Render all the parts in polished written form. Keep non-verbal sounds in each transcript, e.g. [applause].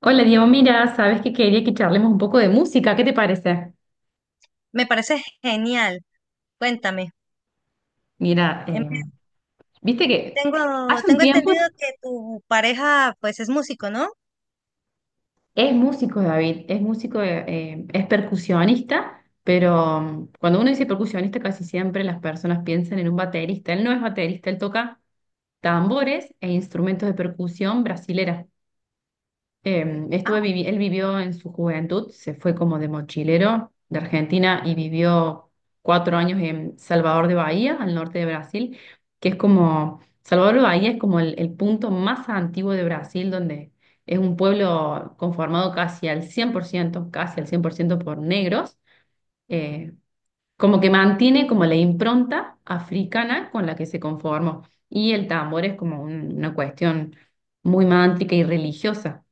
Hola Diego, mira, sabes que quería que charlemos un poco de música, ¿qué te parece? Me parece genial. Cuéntame. Mira, Em, viste que Tengo, hace un tengo tiempo entendido que tu pareja pues es músico, ¿no? es músico David, es músico, es percusionista, pero cuando uno dice percusionista casi siempre las personas piensan en un baterista, él no es baterista, él toca tambores e instrumentos de percusión brasileras. Ah, Él vivió en su juventud, se fue como de mochilero de Argentina y vivió cuatro años en Salvador de Bahía, al norte de Brasil, que es como, Salvador de Bahía es como el punto más antiguo de Brasil, donde es un pueblo conformado casi al 100%, casi al 100% por ciento por negros, eh, como que mantiene como la impronta africana con la que se conformó. Y el tambor es como una cuestión muy mántrica y religiosa.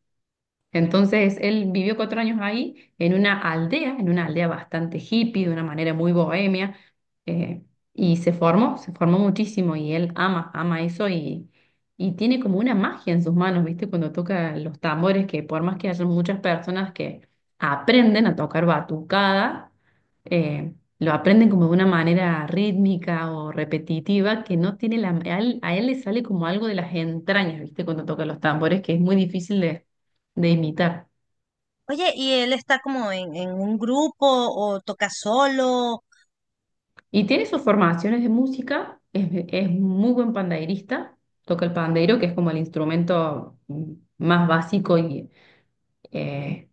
Entonces él vivió cuatro años ahí, en una aldea bastante hippie, de una manera muy bohemia, eh, y se formó muchísimo y él ama, ama eso y tiene como una magia en sus manos, ¿viste? Cuando toca los tambores, que por más que haya muchas personas que aprenden a tocar batucada, eh, lo aprenden como de una manera rítmica o repetitiva que no tiene la... a él le sale como algo de las entrañas, ¿viste? Cuando toca los tambores, que es muy difícil de imitar. oye, ¿y él está como en un grupo o toca solo? Y tiene sus formaciones de música, es muy buen pandeirista, toca el pandeiro, que es como el instrumento más básico y eh,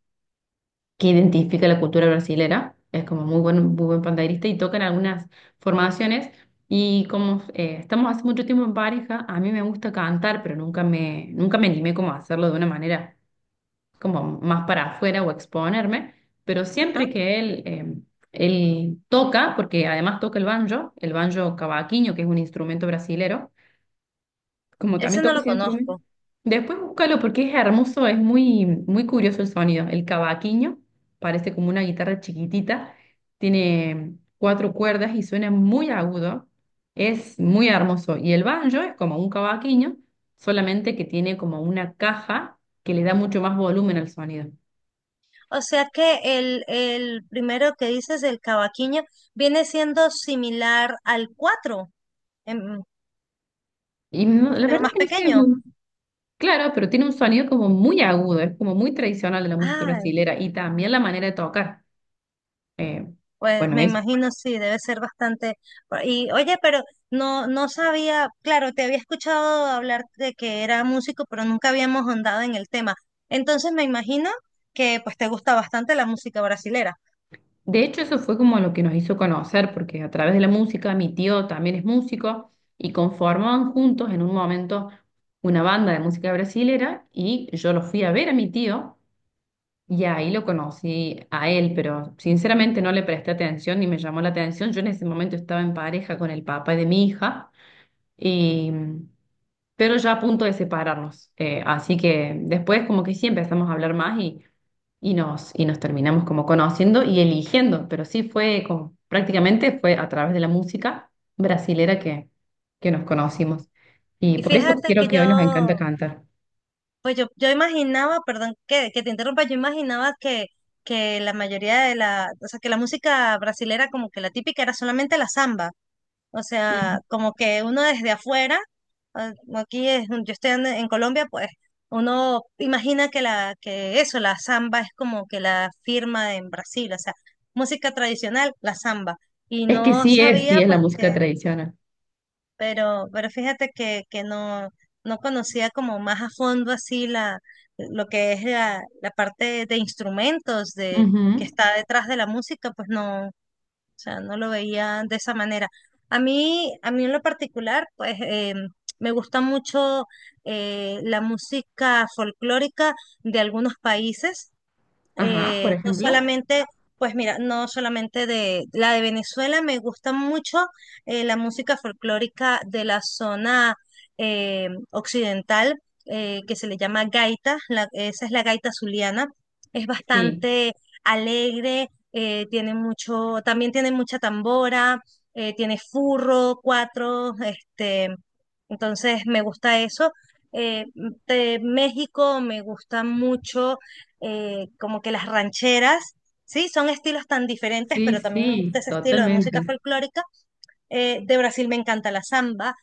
que identifica la cultura brasilera. Es como muy buen pandeirista y toca en algunas formaciones. Y como estamos hace mucho tiempo en pareja, a mí me gusta cantar, pero nunca me, nunca me animé como a hacerlo de una manera como más para afuera o exponerme, pero Ajá. siempre que él, él toca, porque además toca el banjo cavaquinho, que es un instrumento brasilero, como también Ese no toca lo ese instrumento, conozco. después búscalo porque es hermoso, es muy, muy curioso el sonido. El cavaquinho parece como una guitarra chiquitita, tiene cuatro cuerdas y suena muy agudo, es muy hermoso. Y el banjo es como un cavaquinho, solamente que tiene como una caja que le da mucho más volumen al sonido. O sea que el primero que dices, el cavaquinho, viene siendo similar al cuatro, em, La pero verdad más que no sé, pequeño. muy claro, pero tiene un sonido como muy agudo, es como muy tradicional de la música Ah, brasilera y también la manera de tocar. Eh, pues bueno, me es, imagino, sí, debe ser bastante. Y oye, pero no sabía, claro, te había escuchado hablar de que era músico, pero nunca habíamos andado en el tema. Entonces me imagino que pues te gusta bastante la música brasilera. de hecho eso fue como lo que nos hizo conocer, porque a través de la música mi tío también es músico y conformaban juntos en un momento una banda de música brasilera y yo lo fui a ver a mi tío y ahí lo conocí a él, pero sinceramente no le presté atención ni me llamó la atención. Yo en ese momento estaba en pareja con el papá de mi hija y... pero ya a punto de separarnos. Así que después como que sí empezamos a hablar más y nos terminamos como conociendo y eligiendo, pero sí fue como, prácticamente fue a través de la música brasilera que nos conocimos. Y Y por eso fíjate que quiero que hoy nos encanta yo, cantar. pues yo imaginaba, perdón que te interrumpa, yo imaginaba que la mayoría de la, o sea, que la música brasilera como que la típica era solamente la samba. O Ujú. sea, como que uno desde afuera, ah, aquí es- yo estoy en Colombia, pues uno imagina que la, que eso, la samba es como que la firma en Brasil, o sea, música tradicional, la samba. Y Es que no sabía, sí es la pues música que, tradicional. Pero fíjate que no, no conocía como más a fondo así la, lo que es la, la parte de instrumentos de, que Ujú. está detrás de la música, pues no. O sea, no lo veía de esa manera. A mí en lo particular, pues me gusta mucho la música folclórica de algunos países, Ajá, por no ejemplo. solamente, pues mira, no solamente de la de Venezuela, me gusta mucho la música folclórica de la zona occidental, que se le llama gaita, la- esa es la gaita zuliana, es Sí, bastante alegre. Tiene mucho, también tiene mucha tambora, tiene furro, cuatro, este, entonces me gusta eso. Eh, de México me gusta mucho, como que las rancheras, sí, son estilos tan diferentes, sí, pero también me gusta sí, ese estilo de música totalmente. folclórica. De Brasil me encanta la samba,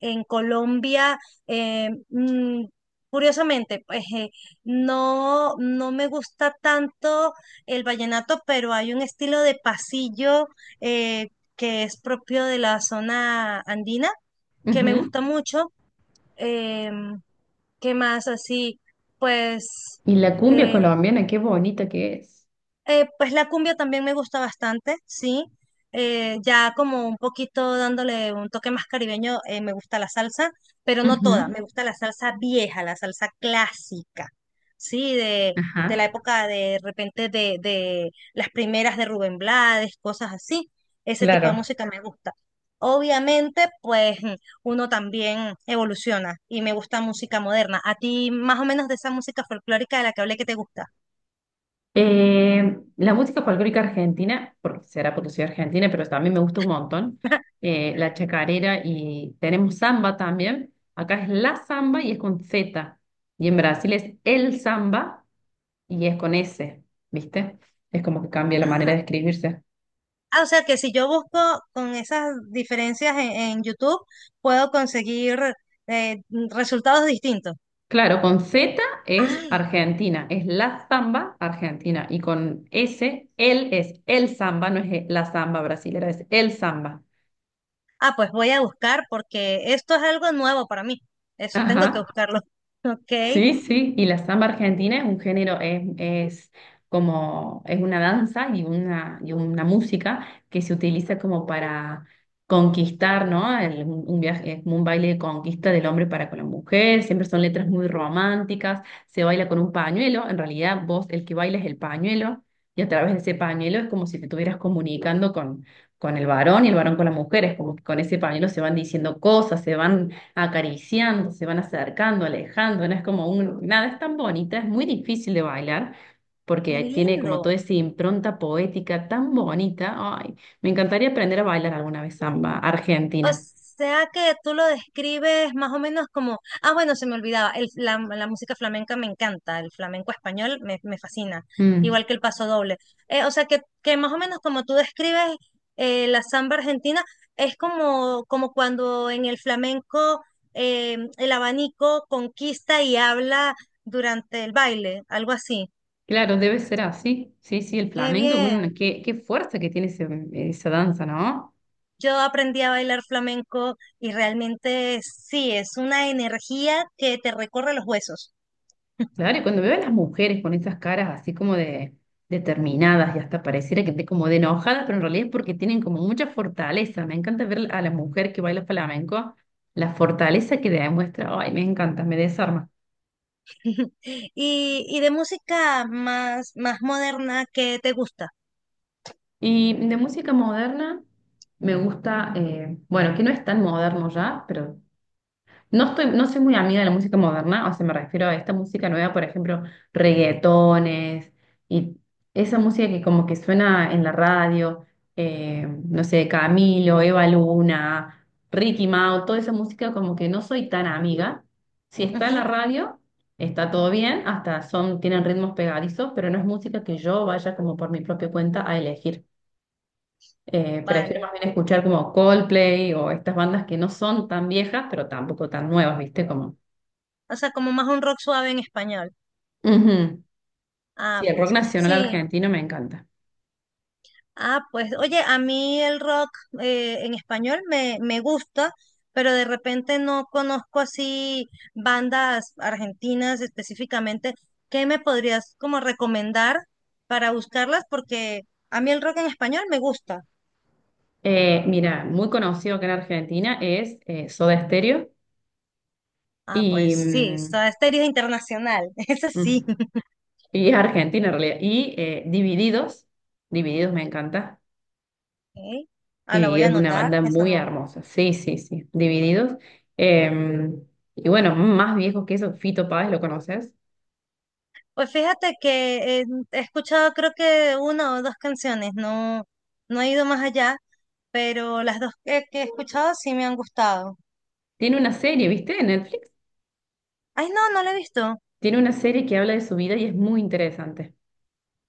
en Colombia, eh, mm, curiosamente, pues no, no me gusta tanto el vallenato, pero hay un estilo de pasillo eh, que es propio de la zona andina, que me Ujú. gusta mucho. Em, ¿Qué más así? Pues... Y la cumbia eh, colombiana, qué bonita que es. Pues la cumbia también me gusta bastante, sí. Ya como un poquito dándole un toque más caribeño, me gusta la salsa, pero no toda. Ujú. Me gusta la salsa vieja, la salsa clásica, sí, de la Ajá. época de, repente de las primeras de Rubén Blades, cosas así. Ese tipo de Claro. música me gusta. Obviamente, pues uno también evoluciona y me gusta música moderna. ¿A ti más o menos de esa música folclórica de la que hablé que te gusta? La música folclórica argentina, porque será porque soy argentina, pero también me gusta un montón, la chacarera y tenemos samba también. Acá es la samba y es con Z. Y en Brasil es el samba y es con S, ¿viste? Es como que cambia la manera de Ah. escribirse. Ah, o sea que si yo busco con esas diferencias en YouTube, puedo conseguir, eh, resultados distintos. Claro, con Z es Ay, Argentina, es la samba Argentina. Y con S, él es el samba, no es la samba brasilera, es el samba. ah, pues voy a buscar porque esto es algo nuevo para mí. Eso tengo que Ajá. buscarlo. [laughs] Ok, qué Sí, sí, y la samba argentina es un género, es como, es una danza y una música que se utiliza como para conquistar, ¿no? Un viaje, es como un baile de conquista del hombre para con la mujer, siempre son letras muy románticas, se baila con un pañuelo, en realidad vos el que baila es el pañuelo, y a través de ese pañuelo es como si te estuvieras comunicando con el varón y el varón con la mujer, es como que con ese pañuelo se van diciendo cosas, se van acariciando, se van acercando, alejando, no es como un, nada, es tan bonita, es muy difícil de bailar porque tiene lindo. como toda esa impronta poética tan bonita. Ay, me encantaría aprender a bailar alguna vez samba O argentina. sea que tú lo describes más o menos como, ah, bueno, se me olvidaba, el, la música flamenca me encanta, el flamenco español me, me fascina, Mm, igual que el paso doble. O sea que más o menos como tú describes la samba argentina, es como, como cuando en el flamenco el abanico conquista y habla durante el baile, algo así. claro, debe ser así. Sí, sí, el Qué flamenco es bien. una, qué, qué fuerza que tiene esa danza, ¿no? Yo aprendí a bailar flamenco y realmente sí, es una energía que te recorre los huesos. Claro, y cuando veo a las mujeres con esas caras así como de determinadas y hasta pareciera que esté como de enojadas, pero en realidad es porque tienen como mucha fortaleza. Me encanta ver a la mujer que baila flamenco, la fortaleza que demuestra. Ay, me encanta, me desarma. Y de música más, más moderna que te gusta. Y de música moderna me gusta, bueno, que no es tan moderno ya, pero no estoy, no soy muy amiga de la música moderna, o sea, me refiero a esta música nueva, por ejemplo, reggaetones y esa música que como que suena en la radio, no sé, Camilo, Eva Luna, Ricky Mau, toda esa música como que no soy tan amiga. Si está en la Ujú, radio, está todo bien, hasta son, tienen ritmos pegadizos, pero no es música que yo vaya como por mi propia cuenta a elegir. Prefiero vale. más bien escuchar como Coldplay o estas bandas que no son tan viejas, pero tampoco tan nuevas, ¿viste? Como O sea, como más un rock suave en español. Ujú. Ah, Sí, el rock pues nacional sí. argentino me encanta. Ah, pues oye, a mí el rock en español me, me gusta, pero de repente no conozco así bandas argentinas específicamente. ¿Qué me podrías como recomendar para buscarlas? Porque a mí el rock en español me gusta. Mira, muy conocido acá en Argentina es Soda Stereo Ah, y, pues sí, Soda Stereo es internacional, [laughs] eso mm, sí. y es Argentina en realidad. Y Divididos, Divididos me encanta. Ok, ah, la voy a Divididos es una anotar, banda esa muy no. hermosa. Sí, sí, sí, Divididos. Eh, y bueno, más viejos que eso, Fito Páez, ¿lo conoces? Pues fíjate que he escuchado creo que una o dos canciones, no, no he ido más allá, pero las dos que he escuchado sí me han gustado. Tiene una serie, ¿viste? En Netflix. Ay, no, no la he visto. Tiene una serie que habla de su vida y es muy interesante.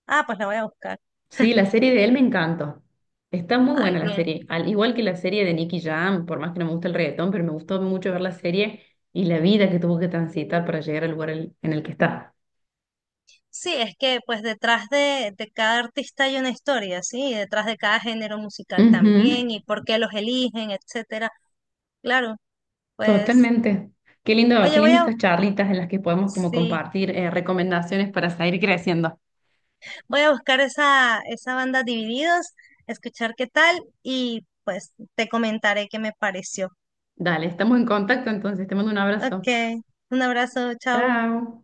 Ah, pues la voy a buscar. Sí, [laughs] la serie de él me encantó. Está muy buena Ay, la bien. serie. Al igual que la serie de Nicky Jam, por más que no me gusta el reggaetón, pero me gustó mucho ver la serie y la vida que tuvo que transitar para llegar al lugar en el que está. Sí, es que pues detrás de cada artista hay una historia, ¿sí? Y detrás de cada género musical Ujú. también, y por qué los eligen, etcétera. Claro, pues, Totalmente. Qué oye, voy lindo a, estas charlitas en las que podemos como sí, compartir recomendaciones para seguir creciendo. voy a buscar esa, esa banda Divididos, escuchar qué tal, y pues te comentaré qué me pareció. Dale, estamos en contacto entonces. Te mando un abrazo. Ok, un abrazo, chao. Chao.